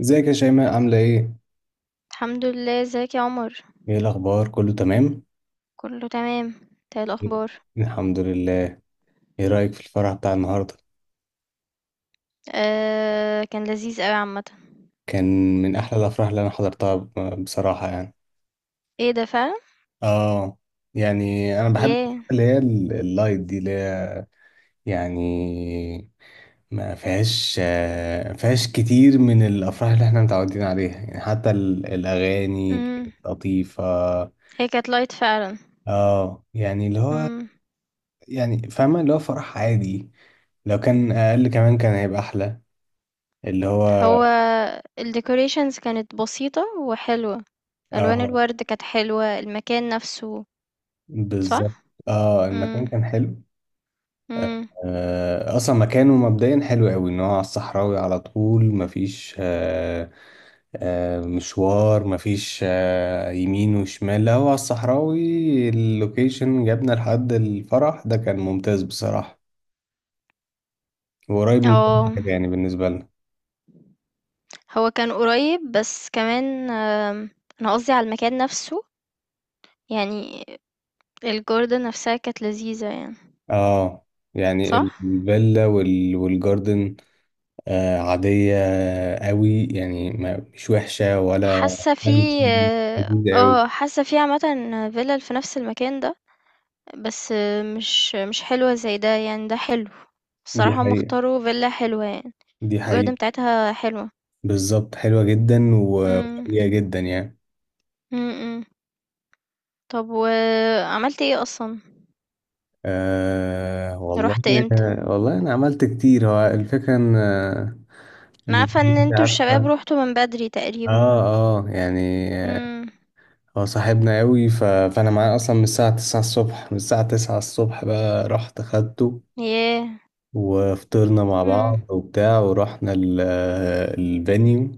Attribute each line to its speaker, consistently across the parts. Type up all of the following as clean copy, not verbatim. Speaker 1: ازيك يا شيماء، عاملة ايه؟
Speaker 2: الحمد لله، ازيك يا عمر؟
Speaker 1: ايه الأخبار؟ كله تمام؟
Speaker 2: كله تمام. ايه الاخبار؟
Speaker 1: الحمد لله. ايه رأيك في الفرح بتاع النهاردة؟
Speaker 2: آه، كان لذيذ قوي عامه.
Speaker 1: كان من أحلى الأفراح اللي أنا حضرتها بصراحة يعني.
Speaker 2: ايه ده فعلا.
Speaker 1: اه يعني أنا بحب
Speaker 2: ياه.
Speaker 1: الأفراح اللي هي اللايت دي اللي هي يعني ما فيهاش فيهاش كتير من الأفراح اللي احنا متعودين عليها، يعني حتى الأغاني
Speaker 2: امم.
Speaker 1: كانت لطيفة.
Speaker 2: هي كانت لايت فعلا.
Speaker 1: اه يعني اللي هو
Speaker 2: امم.
Speaker 1: يعني فاهمة اللي هو فرح عادي. لو كان أقل كمان كان هيبقى أحلى اللي هو.
Speaker 2: هو الديكوريشنز كانت بسيطه وحلوه، الوان
Speaker 1: اه،
Speaker 2: الورد كانت حلوه، المكان نفسه.
Speaker 1: بالظبط.
Speaker 2: صح.
Speaker 1: اه، المكان
Speaker 2: امم،
Speaker 1: كان حلو.
Speaker 2: امم.
Speaker 1: آه اصلا مكانه مبدئيا حلو قوي، ان هو على الصحراوي على طول، مفيش مشوار، مفيش يمين وشمال، لا هو على الصحراوي، اللوكيشن جابنا لحد الفرح ده كان ممتاز بصراحة، وقريب من
Speaker 2: اه،
Speaker 1: كل حاجة يعني بالنسبة لنا.
Speaker 2: هو كان قريب، بس كمان انا قصدي على المكان نفسه. يعني الجوردن نفسها كانت لذيذه يعني.
Speaker 1: اه يعني
Speaker 2: صح.
Speaker 1: الفيلا والجاردن، عادية قوي يعني، ما مش وحشة ولا
Speaker 2: حاسة في
Speaker 1: فانسي، لذيذة قوي.
Speaker 2: حاسة في عامةً، فيلل في نفس المكان ده، بس مش حلوة زي ده، يعني ده حلو،
Speaker 1: دي
Speaker 2: الصراحة هُم
Speaker 1: حقيقة،
Speaker 2: اختاروا فيلا حلوة يعني،
Speaker 1: دي
Speaker 2: الgarden
Speaker 1: حقيقة.
Speaker 2: بتاعتها حلوة.
Speaker 1: بالظبط، حلوة جدا
Speaker 2: إمم،
Speaker 1: وقوية جدا يعني.
Speaker 2: إمم، إمم. طب وعملت إيه أصلًا؟
Speaker 1: أه والله،
Speaker 2: رُحت إمتى؟
Speaker 1: والله أنا عملت كتير، هو الفكرة إن إن
Speaker 2: أنا عارفة إن
Speaker 1: أنت
Speaker 2: أنتم الشباب
Speaker 1: عارفة.
Speaker 2: رُحتوا من بدري تقريبًا.
Speaker 1: اه، اه يعني آه،
Speaker 2: إمم.
Speaker 1: هو صاحبنا قوي فأنا معاه أصلا من الساعة 9 الصبح، بقى رحت خدته
Speaker 2: ياه!
Speaker 1: وفطرنا مع
Speaker 2: إمم،
Speaker 1: بعض وبتاع، ورحنا الفانيو.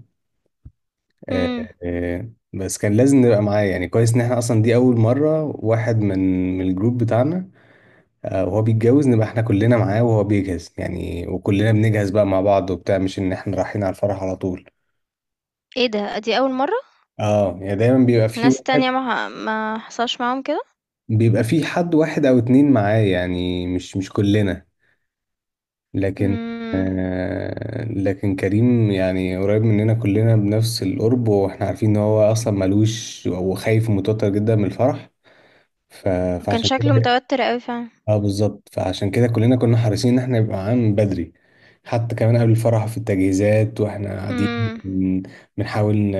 Speaker 2: إمم.
Speaker 1: بس كان لازم نبقى معاه يعني، كويس ان احنا اصلا دي اول مرة واحد من الجروب بتاعنا وهو بيتجوز نبقى احنا كلنا معاه وهو بيجهز يعني، وكلنا بنجهز بقى مع بعض وبتاع، مش ان احنا رايحين على الفرح على طول.
Speaker 2: إيه ده، دي أول مرّة؟
Speaker 1: اه يعني دايما بيبقى في
Speaker 2: ناس
Speaker 1: واحد،
Speaker 2: تانية ما حصلش معاهم كده؟
Speaker 1: بيبقى في حد واحد او اتنين معاه يعني، مش كلنا. لكن
Speaker 2: إمم.
Speaker 1: لكن كريم يعني قريب مننا كلنا بنفس القرب، واحنا عارفين ان هو اصلا ملوش وخايف ومتوتر جدا من الفرح، ف...
Speaker 2: هو كان
Speaker 1: فعشان كده.
Speaker 2: شكله متوتر أوي فعلًا.
Speaker 1: اه بالظبط، فعشان كده كلنا كنا حريصين ان احنا يبقى معانا من بدري، حتى كمان قبل الفرح في التجهيزات واحنا قاعدين
Speaker 2: امم،
Speaker 1: بن- بنحاول ن-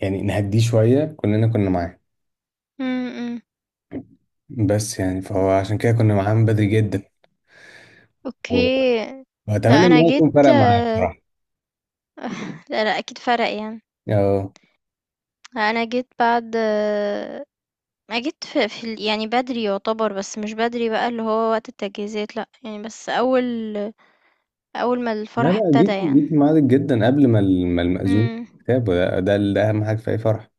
Speaker 1: يعني نهديه شوية، كلنا كنا معاه.
Speaker 2: امم، أمم.
Speaker 1: بس يعني فهو عشان كده كنا معاه من بدري جدا و-
Speaker 2: اوكي. لا،
Speaker 1: واتمنى ان
Speaker 2: انا
Speaker 1: هو يكون
Speaker 2: جيت
Speaker 1: فرق معاه بصراحة.
Speaker 2: لا، لا، اكيد فرق يعني.
Speaker 1: اه.
Speaker 2: لا، انا جيت بعد ما جيت في يعني بدري يعتبر، بس مش بدري بقى اللي هو وقت التجهيزات، لا يعني، بس اول ما
Speaker 1: لا،
Speaker 2: الفرح
Speaker 1: لا
Speaker 2: ابتدى
Speaker 1: جيت،
Speaker 2: يعني.
Speaker 1: جيت في ميعادك جدا قبل ما ما المأذون
Speaker 2: امم.
Speaker 1: كتاب، ده اهم حاجة في اي فرح.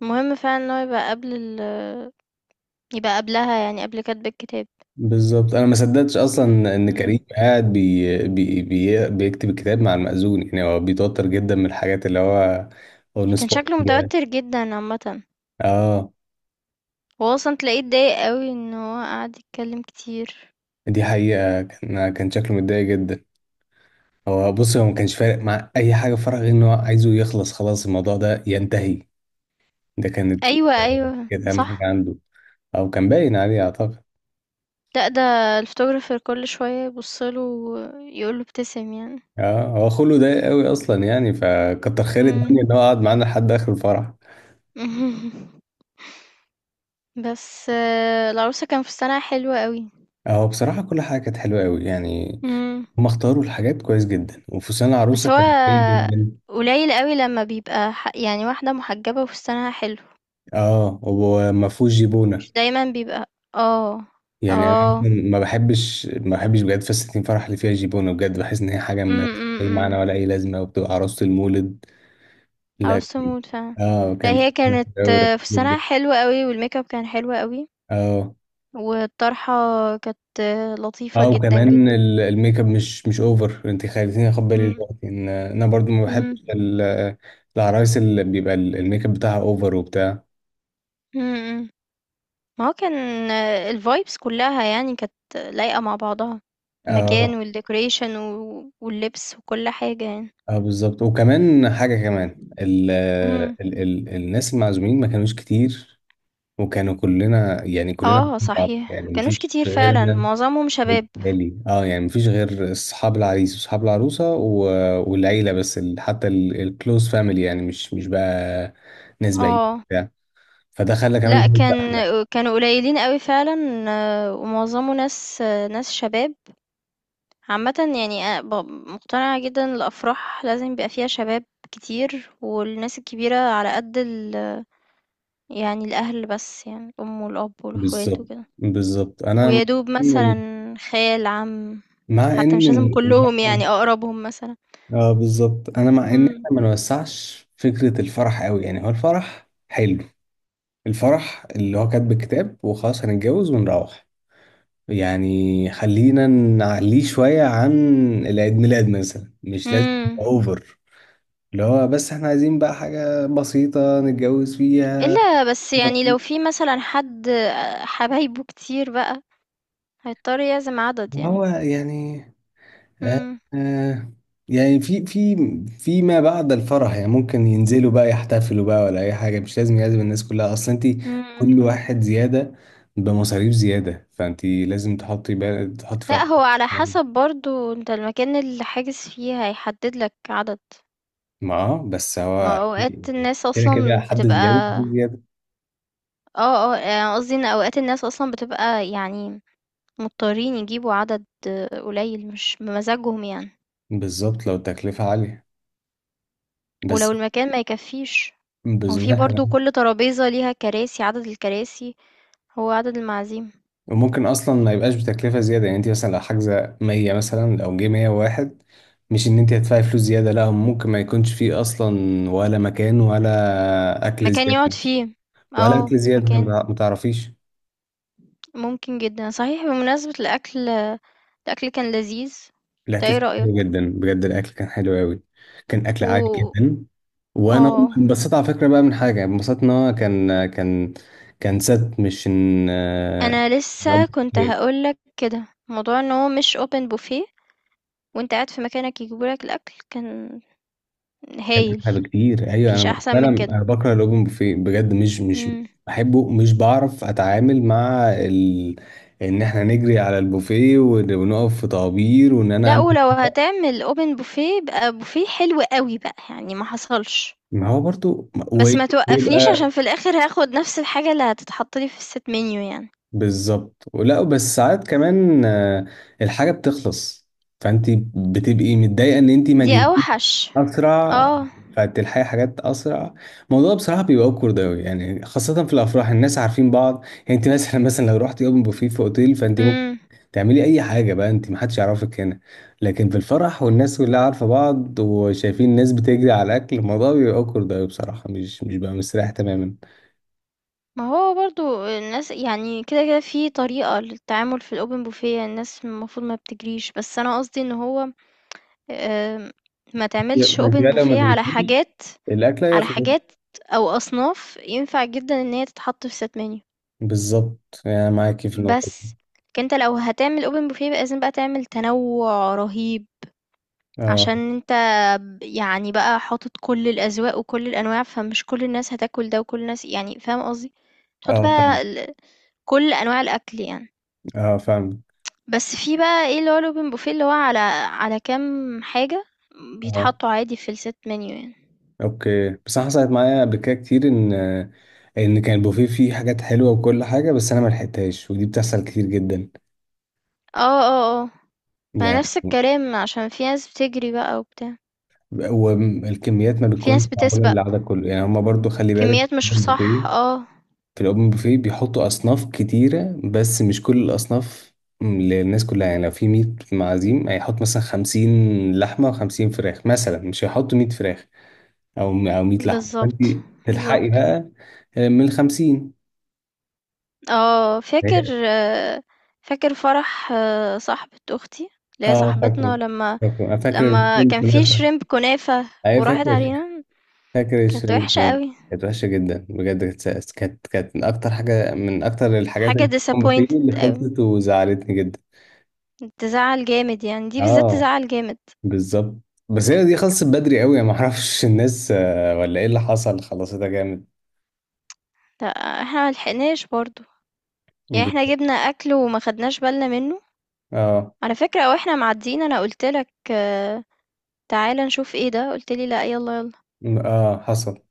Speaker 2: مهم فعلا ان هو يبقى قبلها، يعني قبل كتب الكتاب.
Speaker 1: بالظبط، انا ما صدقتش اصلا ان كريم
Speaker 2: امم.
Speaker 1: قاعد بي بي بي بيكتب الكتاب مع المأذون يعني، هو بيتوتر جدا من الحاجات اللي هو
Speaker 2: كان
Speaker 1: نصبه
Speaker 2: شكله
Speaker 1: فيها.
Speaker 2: متوتر جدا عامة.
Speaker 1: اه
Speaker 2: هو اصلا تلاقيه اتضايق قوي ان هو قعد يتكلم كتير.
Speaker 1: دي حقيقة، كان شكله متضايق جدا. هو بص، هو ما كانش فارق مع اي حاجة، فرق غير ان هو عايزه يخلص، خلاص الموضوع ده ينتهي، ده كانت
Speaker 2: ايوه،
Speaker 1: آه،
Speaker 2: ايوه،
Speaker 1: كانت اهم حاجة
Speaker 2: صح.
Speaker 1: عنده، او كان باين عليه اعتقد.
Speaker 2: لأ، ده الphotographer كل شوية يبُص له ويقول له ابتسم يعني.
Speaker 1: اه، هو خلقه ضيق قوي اصلا يعني، فكتر خير
Speaker 2: إمم.
Speaker 1: الدنيا ان هو قعد معانا لحد اخر الفرح.
Speaker 2: بس العروسة كان فستانها حلو أوي.
Speaker 1: هو بصراحة كل حاجة كانت حلوة قوي يعني،
Speaker 2: إمم.
Speaker 1: هم اختاروا الحاجات كويس جدا وفستان
Speaker 2: بس
Speaker 1: العروسة
Speaker 2: هو
Speaker 1: كان قوي جدا.
Speaker 2: قليل أوي لمّا بيبقى يعني واحدة محجبة وفستانها حلو،
Speaker 1: اه، وما فيهوش جيبونة.
Speaker 2: مش دايمًا بيبقى.
Speaker 1: يعني انا أصلاً
Speaker 2: آه.
Speaker 1: ما بحبش بجد فساتين فرح اللي فيها جيبونة، بجد بحس ان هي حاجة ما
Speaker 2: إمم،
Speaker 1: ملهاش
Speaker 2: إمم،
Speaker 1: اي معنى
Speaker 2: إمم.
Speaker 1: ولا اي لازمة وبتبقى عروسة المولد. لا.
Speaker 2: عروسة تموت فعلًا.
Speaker 1: اه
Speaker 2: لأ،
Speaker 1: كان.
Speaker 2: هي كانت فستانها حلو أوي والmakeup كان حلو أوي،
Speaker 1: اه،
Speaker 2: والطرحة كانت لطيفة
Speaker 1: اه
Speaker 2: جدًا،
Speaker 1: وكمان
Speaker 2: جدًا.
Speaker 1: الميك اب مش اوفر، انت خليتيني اخد بالي
Speaker 2: إمم.
Speaker 1: دلوقتي ان انا برضو ما
Speaker 2: إمم.
Speaker 1: بحبش العرايس اللي بيبقى الميك اب بتاعها اوفر وبتاع.
Speaker 2: إمم، إمم. ما هو كان الvibes كلّها يعني كانت لايقة مع بعضها، المكان
Speaker 1: اه،
Speaker 2: والdecoration واللبس وكل حاجة يعني.
Speaker 1: اه بالظبط، وكمان حاجة كمان ال
Speaker 2: إمم.
Speaker 1: ال ال الناس المعزومين ما كانوش كتير، وكانوا كلنا يعني كلنا
Speaker 2: آه،
Speaker 1: عارفين بعض
Speaker 2: صحيح،
Speaker 1: يعني
Speaker 2: ما كانوش
Speaker 1: مفيش
Speaker 2: كتير فعلًا،
Speaker 1: غيرنا.
Speaker 2: معظمهم شباب.
Speaker 1: والأهالي، اه يعني مفيش غير أصحاب العريس وأصحاب العروسة والعيلة بس، ال حتى الكلوز فاميلي يعني، مش بقى ناس بعيدة
Speaker 2: آه.
Speaker 1: بتاع، فده خلى كمان
Speaker 2: لأ،
Speaker 1: الوقت
Speaker 2: كان
Speaker 1: أحلى.
Speaker 2: كانوا قليلين أوي فعلًا ومعظمه ناس شباب. عامةً يعني أنا مقتنعة جدًا، الأفراح لازم يبقى فيها شباب كتير، والناس الكبيرة على قد يعني الأهل بس، يعني الأم والأب والأخوات
Speaker 1: بالظبط،
Speaker 2: وكده.
Speaker 1: بالظبط، أنا مع
Speaker 2: ويدوب
Speaker 1: إن
Speaker 2: مثلا خال، عم،
Speaker 1: مع
Speaker 2: حتى
Speaker 1: إن
Speaker 2: مش لازم كلهم،
Speaker 1: ال-
Speaker 2: يعني اقربهم مثلا.
Speaker 1: اه بالظبط، انا مع ان احنا
Speaker 2: امم،
Speaker 1: ما نوسعش فكره الفرح قوي يعني، هو الفرح حلو، الفرح اللي هو كاتب الكتاب وخلاص هنتجوز ونروح يعني، خلينا نعليه شويه عن العيد ميلاد مثلا، مش لازم
Speaker 2: امم.
Speaker 1: يبقى اوفر اللي هو، بس احنا عايزين بقى حاجه بسيطه نتجوز فيها.
Speaker 2: الا بس يعني، لو في مثلا حد حبايبه كتير بقى هيضطر يعزم عدد يعني.
Speaker 1: هو يعني آه،
Speaker 2: امم،
Speaker 1: آه، يعني في في ما بعد الفرح يعني، ممكن ينزلوا بقى يحتفلوا بقى ولا اي حاجه، مش لازم يعزم الناس كلها اصلا. انت كل
Speaker 2: امم.
Speaker 1: واحد زياده بمصاريف زياده، فانت لازم تحطي بقى تحطي في
Speaker 2: لا،
Speaker 1: اعتبارك
Speaker 2: هو على
Speaker 1: الكلام ده.
Speaker 2: حسب برضو انت المكان اللي حاجز فيه هيحدد لك عدد.
Speaker 1: ما بس هو
Speaker 2: ما هو اوقات
Speaker 1: أكيد يعني
Speaker 2: الناس
Speaker 1: كده كده
Speaker 2: اصلا
Speaker 1: حد
Speaker 2: بتبقى.
Speaker 1: زياده زياده.
Speaker 2: اه، اه، يعني قصدي ان اوقات الناس اصلا بتبقى يعني مضطرين يجيبوا عدد قليل، مش بمزاجهم يعني.
Speaker 1: بالظبط لو التكلفه عاليه
Speaker 2: ولو
Speaker 1: بس.
Speaker 2: المكان ما يكفيش. هو
Speaker 1: بس
Speaker 2: في برضو كل ترابيزة ليها كراسي، عدد الكراسي، هو عدد المعازيم.
Speaker 1: وممكن اصلا ما يبقاش بتكلفه زياده يعني، انت مثلا لو حاجزه 100 مثلا لو جه 101، مش ان انت هتدفعي فلوس زياده لا، ممكن ما يكونش فيه اصلا ولا مكان ولا اكل
Speaker 2: مكان يقعد
Speaker 1: زياده،
Speaker 2: فيه.
Speaker 1: ولا
Speaker 2: اه،
Speaker 1: اكل زياده
Speaker 2: مكان،
Speaker 1: ما تعرفيش.
Speaker 2: ممكن جدا صحيح. بمناسبة الأكل، الأكل كان لذيذ. انت
Speaker 1: الاكل
Speaker 2: ايه
Speaker 1: كان حلو
Speaker 2: رأيك؟
Speaker 1: جدا بجد، الاكل كان حلو قوي، كان اكل عادي
Speaker 2: و،
Speaker 1: جدا وانا
Speaker 2: اه،
Speaker 1: انبسطت على فكره بقى، من حاجه انبسطت ان هو كان ست مش ان
Speaker 2: انا
Speaker 1: إن
Speaker 2: لسه كنت هقولك كده، موضوع ان هو مش open buffet، وانت قاعد في مكانك يجيبولك الأكل، كان
Speaker 1: كان
Speaker 2: هايل.
Speaker 1: احلى بكتير. ايوه انا
Speaker 2: مفيش أحسن
Speaker 1: فعلا
Speaker 2: من كده.
Speaker 1: انا بكره الاوبن بوفيه بجد، مش
Speaker 2: مم.
Speaker 1: بحبه، مش بعرف اتعامل مع ان احنا نجري على البوفيه ونقف في طوابير، وان انا
Speaker 2: لا،
Speaker 1: أمسك
Speaker 2: ولو
Speaker 1: طبق.
Speaker 2: هتعمل اوبن بوفيه يبقى بوفيه حلو قوي بقى، يعني ما حصلش،
Speaker 1: ما هو برضو
Speaker 2: بس ما توقفنيش
Speaker 1: ويبقى
Speaker 2: عشان في الاخر هاخد نفس الحاجة اللي هتتحط لي في الست منيو يعني.
Speaker 1: بالظبط، ولا بس ساعات كمان الحاجه بتخلص، فانت بتبقي متضايقه ان انت ما
Speaker 2: دي اوحش.
Speaker 1: اسرع،
Speaker 2: اه.
Speaker 1: بتاعت الحياة حاجات اسرع. الموضوع بصراحه بيبقى اوكورد اوي يعني، خاصه في الافراح الناس عارفين بعض يعني، انت مثلا لو رحت يوم بوفيه في اوتيل فانت ممكن
Speaker 2: امم.
Speaker 1: تعملي اي حاجه بقى انت، محدش يعرفك هنا. لكن في الفرح والناس كلها عارفه بعض وشايفين الناس بتجري على الاكل، الموضوع بيبقى اوكورد اوي بصراحه، مش بقى مستريح تماما.
Speaker 2: ما هو برضو الناس يعني كده كده في طريقة للتعامل في الاوبن بوفيه، الناس المفروض ما بتجريش، بس انا قصدي ان هو آم، ما تعملش
Speaker 1: ما انت
Speaker 2: اوبن
Speaker 1: بقى لو ما
Speaker 2: بوفيه على
Speaker 1: جريتيش
Speaker 2: حاجات
Speaker 1: الاكل
Speaker 2: على
Speaker 1: هيخلص.
Speaker 2: حاجات او اصناف ينفع جدا ان هي تتحط في ست منيو،
Speaker 1: بالظبط يعني معاكي في النقطه دي.
Speaker 2: بس. لكن انت لو هتعمل اوبن بوفيه لازم بقى تعمل تنوع رهيب،
Speaker 1: اه،
Speaker 2: عشان انت يعني بقى حاطط كل الاذواق وكل الانواع، فمش كل الناس هتاكل ده وكل الناس، يعني فاهم قصدي، تحط
Speaker 1: اه فاهم،
Speaker 2: بقى كل انواع الاكل يعني.
Speaker 1: اه فاهم.
Speaker 2: بس في بقى ايه اللي هو الاوبن بوفيه اللي هو على كام حاجة بيتحطوا عادي في الست منيو يعني.
Speaker 1: اوكي، بس انا حصلت معايا قبل كده كتير ان كان البوفيه فيه حاجات حلوه وكل حاجه بس انا ما لحقتهاش، ودي بتحصل كتير جدا
Speaker 2: اه، اه، اه. ما
Speaker 1: يعني.
Speaker 2: نفس الكلام، عشان في ناس بتجري بقى وبتاع،
Speaker 1: والكميات ما
Speaker 2: في
Speaker 1: بتكونش
Speaker 2: ناس
Speaker 1: معموله
Speaker 2: بتسبق.
Speaker 1: للعدد كله يعني، هما برضو خلي بالك
Speaker 2: كميات،
Speaker 1: في
Speaker 2: مش
Speaker 1: الاوبن
Speaker 2: صح،
Speaker 1: بوفيه،
Speaker 2: اه.
Speaker 1: في الاوبن بوفيه بيحطوا اصناف كتيره بس مش كل الاصناف للناس كلها يعني، لو في 100 معازيم هيحط مثلا 50 لحمه و50 فراخ مثلا، مش هيحطوا 100 فراخ او 100 لحمه، فانت
Speaker 2: بالظبط،
Speaker 1: تلحقي
Speaker 2: بالظبط.
Speaker 1: بقى من ال 50.
Speaker 2: اه، آه، فاكر فرح صاحبة اختي، اللي هي
Speaker 1: اه
Speaker 2: صاحبتنا،
Speaker 1: فاكره،
Speaker 2: لما
Speaker 1: فاكره، انا فاكر
Speaker 2: لما
Speaker 1: الشريمب
Speaker 2: كان في
Speaker 1: كنافه.
Speaker 2: شريمب كنافة
Speaker 1: ايوه
Speaker 2: وراحت
Speaker 1: فاكر،
Speaker 2: علينا.
Speaker 1: فاكر
Speaker 2: كانت
Speaker 1: الشريمب
Speaker 2: وحشة
Speaker 1: كنافه،
Speaker 2: قوي.
Speaker 1: كانت وحشه جدا بجد، كانت من اكتر حاجه، من اكتر الحاجات
Speaker 2: حاجة
Speaker 1: اللي كنت فيه
Speaker 2: disappointed
Speaker 1: اللي
Speaker 2: قوي،
Speaker 1: خلصت وزعلتني جدا.
Speaker 2: تزعل جامد يعني، دي بالذات
Speaker 1: اه
Speaker 2: تزعل جامد.
Speaker 1: بالظبط، بس هي دي خلصت بدري قوي، ما اعرفش الناس ولا ايه اللي حصل، خلصتها جامد.
Speaker 2: لا، احنا ملحقناش برضو، يعني احنا
Speaker 1: بالظبط.
Speaker 2: جبنا اكل وما خدناش بالنا منه،
Speaker 1: اه
Speaker 2: على فكرة. واحنا معديين انا قلتلك تعالى نشوف ايه ده، قلتلي لا يلا يلا،
Speaker 1: اه حصل.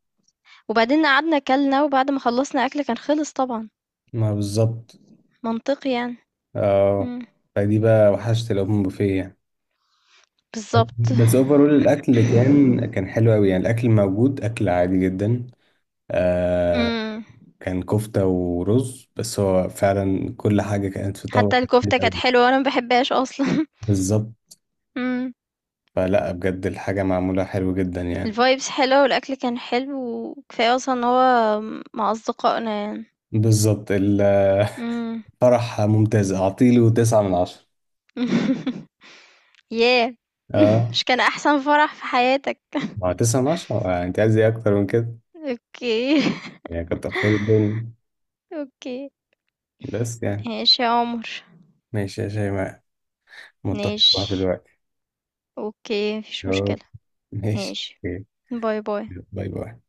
Speaker 2: وبعدين قعدنا كلنا، وبعد ما خلصنا اكل كان خلص طبعا.
Speaker 1: ما بالظبط.
Speaker 2: منطقي يعني.
Speaker 1: اه،
Speaker 2: مم.
Speaker 1: فدي بقى وحشت الاوبن بوفيه يعني.
Speaker 2: بالظبط.
Speaker 1: بس اوفرول الاكل كان حلو قوي يعني، الاكل موجود اكل عادي جدا آه،
Speaker 2: امم.
Speaker 1: كان كفتة ورز، بس هو فعلا كل حاجة كانت في طبق.
Speaker 2: حتى
Speaker 1: كتير
Speaker 2: الكفتة كانت
Speaker 1: أوي.
Speaker 2: حلوة وانا ما بحبهاش اصلا.
Speaker 1: بالظبط،
Speaker 2: امم.
Speaker 1: فلا بجد الحاجة معمولة حلو جدا يعني.
Speaker 2: الفايبس حلوة والاكل كان حلو، وكفاية اصلا ان هو مع اصدقائنا يعني.
Speaker 1: بالظبط الفرح
Speaker 2: امم.
Speaker 1: ممتاز، أعطيله تسعة من 10.
Speaker 2: ياه.
Speaker 1: اه،
Speaker 2: مش كان احسن فرح في حياتك؟
Speaker 1: ما هو تسعة من 10، أنت عايز إيه أكتر من كده
Speaker 2: اوكي.
Speaker 1: يعني، كتر خير الدنيا
Speaker 2: اوكي.
Speaker 1: بس يعني.
Speaker 2: ماشي يا عمر.
Speaker 1: ماشي يا شيماء، متفق معاك
Speaker 2: ماشي.
Speaker 1: دلوقتي.
Speaker 2: اوكي، مفيش
Speaker 1: يا رب.
Speaker 2: مشكلة.
Speaker 1: ماشي.
Speaker 2: ماشي.
Speaker 1: أوكي.
Speaker 2: باي باي.
Speaker 1: باي باي.